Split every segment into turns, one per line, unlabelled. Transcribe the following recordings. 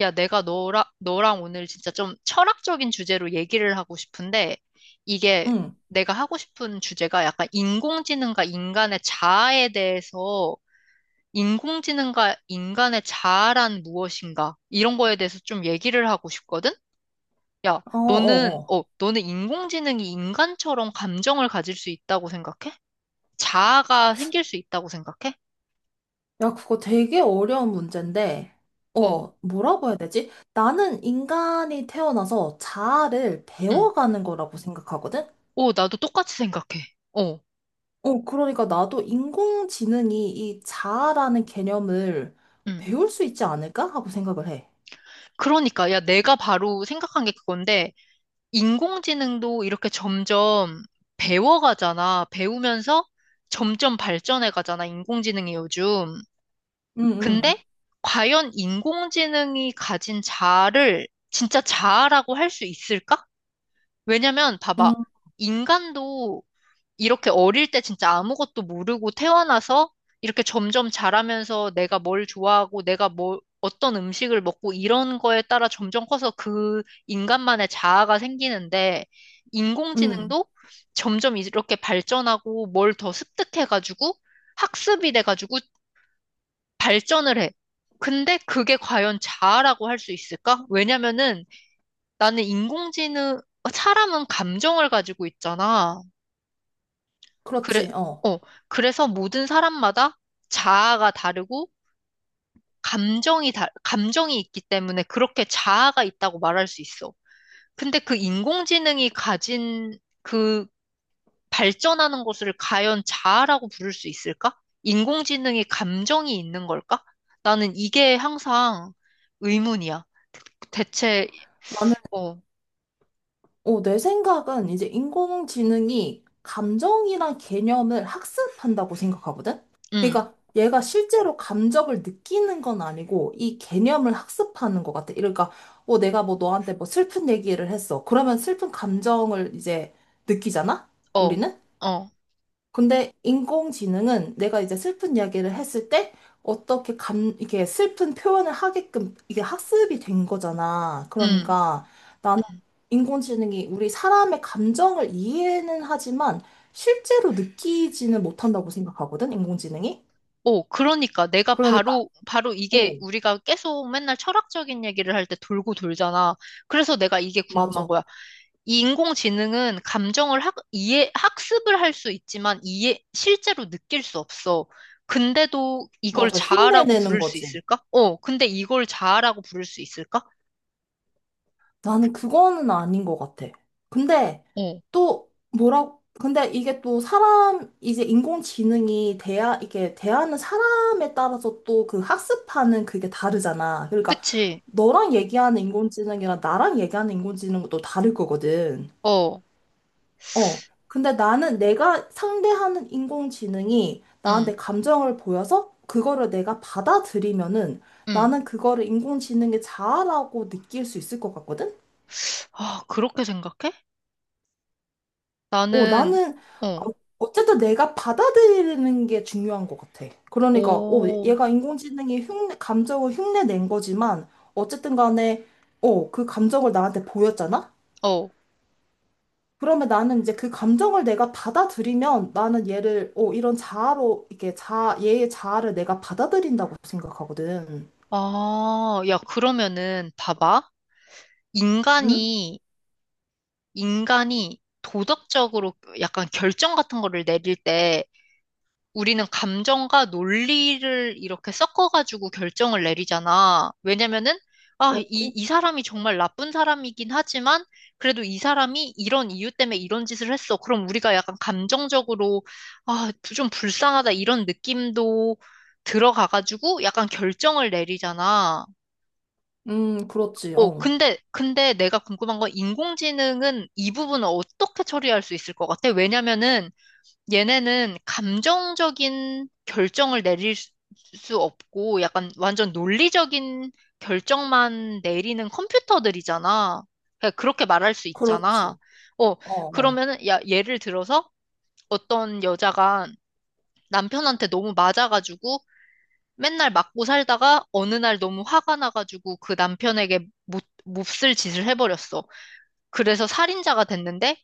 야, 내가 너랑 오늘 진짜 좀 철학적인 주제로 얘기를 하고 싶은데, 이게
응,
내가 하고 싶은 주제가 약간 인공지능과 인간의 자아에 대해서, 인공지능과 인간의 자아란 무엇인가, 이런 거에 대해서 좀 얘기를 하고 싶거든? 야,
어,
너는,
어, 어.
어, 너는 인공지능이 인간처럼 감정을 가질 수 있다고 생각해? 자아가 생길 수 있다고 생각해?
야, 그거 되게 어려운 문제인데,
어,
뭐라고 해야 되지? 나는 인간이 태어나서 자아를
응.
배워가는 거라고 생각하거든?
어, 나도 똑같이 생각해. 어,
그러니까 나도 인공지능이 이 자아라는 개념을
응.
배울 수 있지 않을까? 하고 생각을 해.
그러니까, 야, 내가 바로 생각한 게 그건데, 인공지능도 이렇게 점점 배워가잖아. 배우면서 점점 발전해가잖아, 인공지능이 요즘.
응, 응,
근데, 과연 인공지능이 가진 자아를 진짜 자아라고 할 수 있을까? 왜냐면, 봐봐.
응,
인간도 이렇게 어릴 때 진짜 아무것도 모르고 태어나서 이렇게 점점 자라면서 내가 뭘 좋아하고 내가 뭘 어떤 음식을 먹고 이런 거에 따라 점점 커서 그 인간만의 자아가 생기는데
응.
인공지능도 점점 이렇게 발전하고 뭘 더 습득해가지고 학습이 돼가지고 발전을 해. 근데 그게 과연 자아라고 할 수 있을까? 왜냐면은 나는 인공지능, 사람은 감정을 가지고 있잖아. 그래,
그렇지, 어.
어, 그래서 모든 사람마다 자아가 다르고 감정이 있기 때문에 그렇게 자아가 있다고 말할 수 있어. 근데 그 인공지능이 가진 그 발전하는 것을 과연 자아라고 부를 수 있을까? 인공지능이 감정이 있는 걸까? 나는 이게 항상 의문이야. 대체, 어,
내 생각은 이제 인공지능이 감정이나 개념을 학습한다고 생각하거든?
음,
그러니까 얘가 실제로 감정을 느끼는 건 아니고 이 개념을 학습하는 것 같아. 그러니까 내가 뭐 너한테 뭐 슬픈 얘기를 했어. 그러면 슬픈 감정을 이제 느끼잖아?
어,
우리는?
어,
근데 인공지능은 내가 이제 슬픈 이야기를 했을 때 이게 슬픈 표현을 하게끔 이게 학습이 된 거잖아.
음.
그러니까 나는 인공지능이 우리 사람의 감정을 이해는 하지만 실제로 느끼지는 못한다고 생각하거든, 인공지능이.
오, 그러니까 내가
그러니까,
바로
어,
이게 우리가 계속 맨날 철학적인 얘기를 할 때 돌고 돌잖아. 그래서 내가 이게 궁금한
맞아.
거야. 이 인공지능은 감정을 학, 이해, 학습을 할 수 있지만 이해, 실제로 느낄 수 없어. 근데도 이걸
맞아.
자아라고
흉내내는
부를 수
거지.
있을까? 어, 근데 이걸 자아라고 부를 수 있을까?
나는 그거는 아닌 것 같아. 근데
어,
또 뭐라, 근데 이게 또 사람, 이제 인공지능이 이게 대하는 사람에 따라서 또 그 학습하는 그게 다르잖아. 그러니까
그치.
너랑 얘기하는 인공지능이랑 나랑 얘기하는 인공지능은 또 다를 거거든.
어,
어. 근데 나는 내가 상대하는 인공지능이 나한테
응,
감정을 보여서 그거를 내가 받아들이면은
응.
나는 그거를 인공지능의 자아라고 느낄 수 있을 것 같거든?
아, 그렇게 생각해?
어,
나는,
나는 어,
어,
어쨌든 내가 받아들이는 게 중요한 것 같아. 그러니까
오,
얘가 감정을 흉내 낸 거지만 어쨌든 간에 그 감정을 나한테 보였잖아?
어.
그러면 나는 이제 그 감정을 내가 받아들이면 나는 얘를 이런 자아로 이게 자 얘의 자아를 내가 받아들인다고 생각하거든.
아, 야, 그러면은, 봐봐.
응?
인간이, 인간이 도덕적으로 약간 결정 같은 거를 내릴 때 우리는 감정과 논리를 이렇게 섞어가지고 결정을 내리잖아. 왜냐면은, 아, 이,
그렇지.
이 사람이 정말 나쁜 사람이긴 하지만 그래도 이 사람이 이런 이유 때문에 이런 짓을 했어. 그럼 우리가 약간 감정적으로, 아, 좀 불쌍하다 이런 느낌도 들어가가지고 약간 결정을 내리잖아.
그렇지.
어,
어.
근데 내가 궁금한 건 인공지능은 이 부분을 어떻게 처리할 수 있을 것 같아? 왜냐면은 얘네는 감정적인 결정을 내릴 수 없고 약간 완전 논리적인 결정만 내리는 컴퓨터들이잖아. 그냥 그렇게 말할 수 있잖아.
그렇지.
어,
어, 어.
그러면은, 야, 예를 들어서 어떤 여자가 남편한테 너무 맞아가지고 맨날 맞고 살다가 어느 날 너무 화가 나가지고 그 남편에게 못, 몹쓸 짓을 해버렸어. 그래서 살인자가 됐는데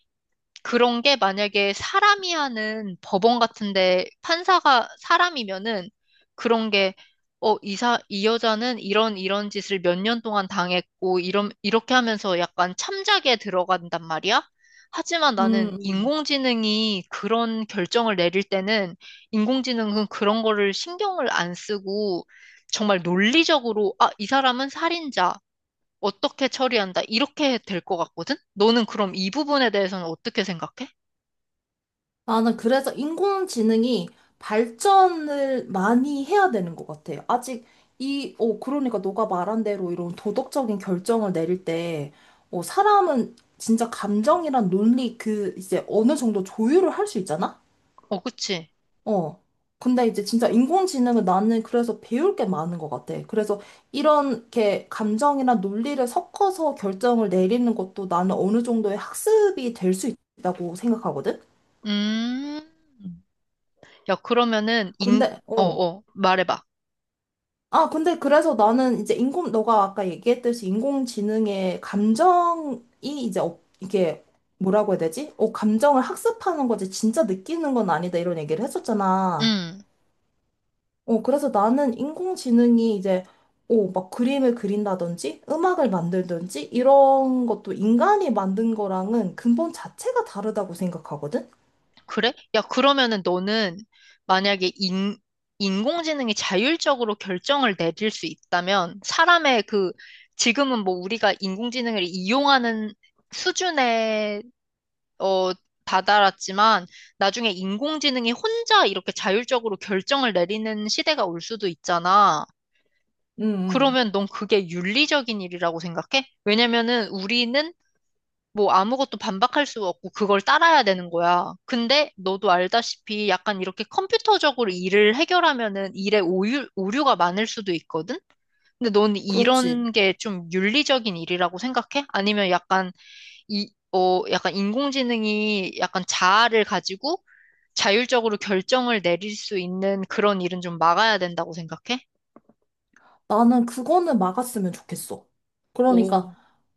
그런 게 만약에 사람이 하는 법원 같은데 판사가 사람이면은 그런 게 어, 이 사, 이 여자는 이런 짓을 몇 년 동안 당했고 이런 이렇게 하면서 약간 참작에 들어간단 말이야. 하지만 나는
음. 음.
인공지능이 그런 결정을 내릴 때는 인공지능은 그런 거를 신경을 안 쓰고 정말 논리적으로 아, 이 사람은 살인자. 어떻게 처리한다. 이렇게 될 것 같거든? 너는 그럼 이 부분에 대해서는 어떻게 생각해?
나는 그래서 인공지능이 발전을 많이 해야 되는 것 같아요. 아직 그러니까 너가 말한 대로 이런 도덕적인 결정을 내릴 때, 사람은 진짜 감정이란 논리 그 이제 어느 정도 조율을 할 수 있잖아?
어, 그치?
어. 근데 이제 진짜 인공지능은 나는 그래서 배울 게 많은 것 같아. 그래서 이렇게 감정이나 논리를 섞어서 결정을 내리는 것도 나는 어느 정도의 학습이 될 수 있다고 생각하거든?
음. 야, 그러면은, 인,
근데, 어.
말해봐.
아, 근데 그래서 나는 이제 너가 아까 얘기했듯이 인공지능의 감정이 이게 뭐라고 해야 되지? 감정을 학습하는 거지, 진짜 느끼는 건 아니다, 이런 얘기를 했었잖아.
음.
그래서 나는 인공지능이 이제, 막 그림을 그린다든지, 음악을 만들든지, 이런 것도 인간이 만든 거랑은 근본 자체가 다르다고 생각하거든?
그래? 야, 그러면은 너는 만약에 인, 인공지능이 자율적으로 결정을 내릴 수 있다면, 사람의 그, 지금은 뭐 우리가 인공지능을 이용하는 수준에, 어, 다다랐지만, 나중에 인공지능이 혼자 이렇게 자율적으로 결정을 내리는 시대가 올 수도 있잖아.
음 음.
그러면 넌 그게 윤리적인 일이라고 생각해? 왜냐면은 우리는 뭐 아무것도 반박할 수 없고 그걸 따라야 되는 거야. 근데 너도 알다시피 약간 이렇게 컴퓨터적으로 일을 해결하면은 일에 오류가 많을 수도 있거든? 근데 넌
그렇지.
이런 게 좀 윤리적인 일이라고 생각해? 아니면 약간 이, 어, 약간 인공지능이 약간 자아를 가지고 자율적으로 결정을 내릴 수 있는 그런 일은 좀 막아야 된다고 생각해?
나는 그거는 막았으면 좋겠어. 그러니까,
오,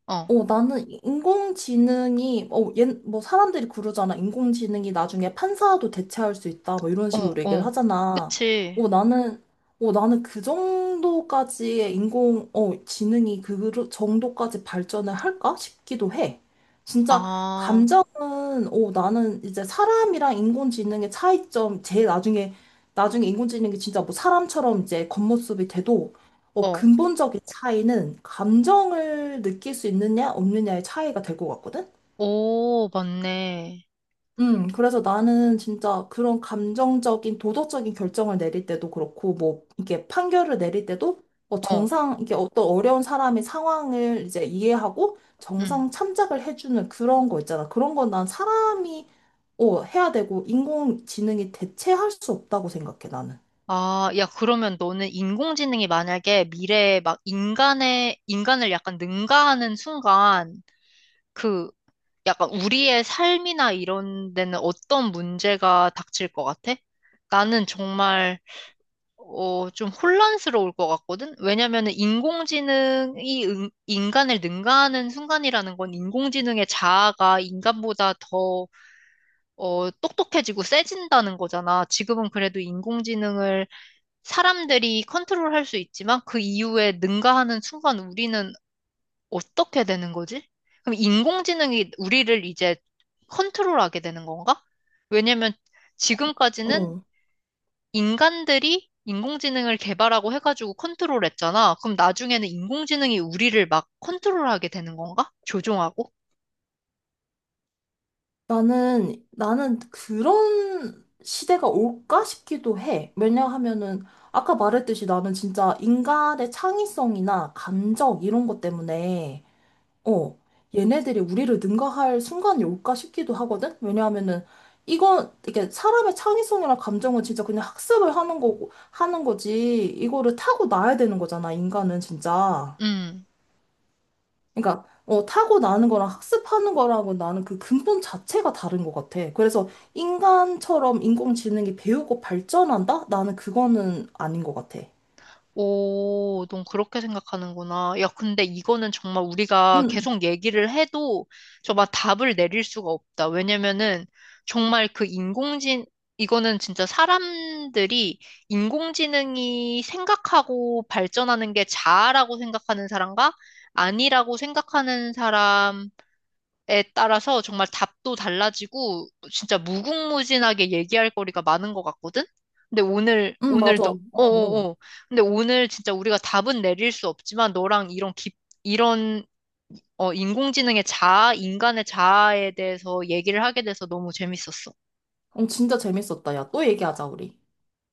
어.
나는 인공지능이, 뭐, 사람들이 그러잖아. 인공지능이 나중에 판사도 대체할 수 있다. 뭐, 이런
어,
식으로 얘기를
어.
하잖아.
그치.
어, 나는, 나는 그 정도까지의 지능이 그 정도까지 발전을 할까 싶기도 해. 진짜,
아,
감정은, 나는 이제 사람이랑 인공지능의 차이점, 제일 나중에, 나중에 인공지능이 진짜 뭐 사람처럼 이제 겉모습이 돼도
어.
근본적인 차이는 감정을 느낄 수 있느냐, 없느냐의 차이가 될 것 같거든?
오, 맞네.
그래서 나는 진짜 그런 감정적인, 도덕적인 결정을 내릴 때도 그렇고, 뭐, 이게 판결을 내릴 때도,
어,
이게 어떤 어려운 사람의 상황을 이제 이해하고,
음.
정상 참작을 해주는 그런 거 있잖아. 그런 건 난 사람이, 해야 되고, 인공지능이 대체할 수 없다고 생각해, 나는.
아, 야, 그러면 너는 인공지능이 만약에 미래에 막 인간의, 인간을 약간 능가하는 순간, 그, 약간 우리의 삶이나 이런 데는 어떤 문제가 닥칠 것 같아? 나는 정말 어, 좀 혼란스러울 것 같거든? 왜냐면은 인공지능이 응- 인간을 능가하는 순간이라는 건 인공지능의 자아가 인간보다 더, 어, 똑똑해지고 세진다는 거잖아. 지금은 그래도 인공지능을 사람들이 컨트롤할 수 있지만 그 이후에 능가하는 순간 우리는 어떻게 되는 거지? 그럼 인공지능이 우리를 이제 컨트롤하게 되는 건가? 왜냐면 지금까지는
어.
인간들이 인공지능을 개발하고 해가지고 컨트롤했잖아. 그럼 나중에는 인공지능이 우리를 막 컨트롤하게 되는 건가? 조종하고?
나는 그런 시대가 올까 싶기도 해. 왜냐하면은, 아까 말했듯이 나는 진짜 인간의 창의성이나 감정 이런 것 때문에, 어, 얘네들이 우리를 능가할 순간이 올까 싶기도 하거든? 왜냐하면은, 이게 사람의 창의성이나 감정은 진짜 그냥 학습을 하는 거고, 하는 거지. 이거를 타고나야 되는 거잖아, 인간은 진짜.
음.
그러니까 타고 나는 거랑 학습하는 거랑은 나는 그 근본 자체가 다른 것 같아. 그래서 인간처럼 인공지능이 배우고 발전한다? 나는 그거는 아닌 것 같아.
오, 넌 그렇게 생각하는구나. 야, 근데 이거는 정말 우리가
응,
계속 얘기를 해도 정말 답을 내릴 수가 없다. 왜냐면은 정말 그 인공지능, 이거는 진짜 사람들이 인공지능이 생각하고 발전하는 게 자아라고 생각하는 사람과 아니라고 생각하는 사람 에 따라서 정말 답도 달라지고 진짜 무궁무진하게 얘기할 거리가 많은 것 같거든? 근데 오늘
응,
오늘
맞아.
너
어, 어.
어어어 근데 오늘 진짜 우리가 답은 내릴 수 없지만 너랑 이런 깊 이런 어 인공지능의 자아, 인간의 자아에 대해서 얘기를 하게 돼서 너무 재밌었어.
어, 진짜 재밌었다. 야, 또 얘기하자, 우리.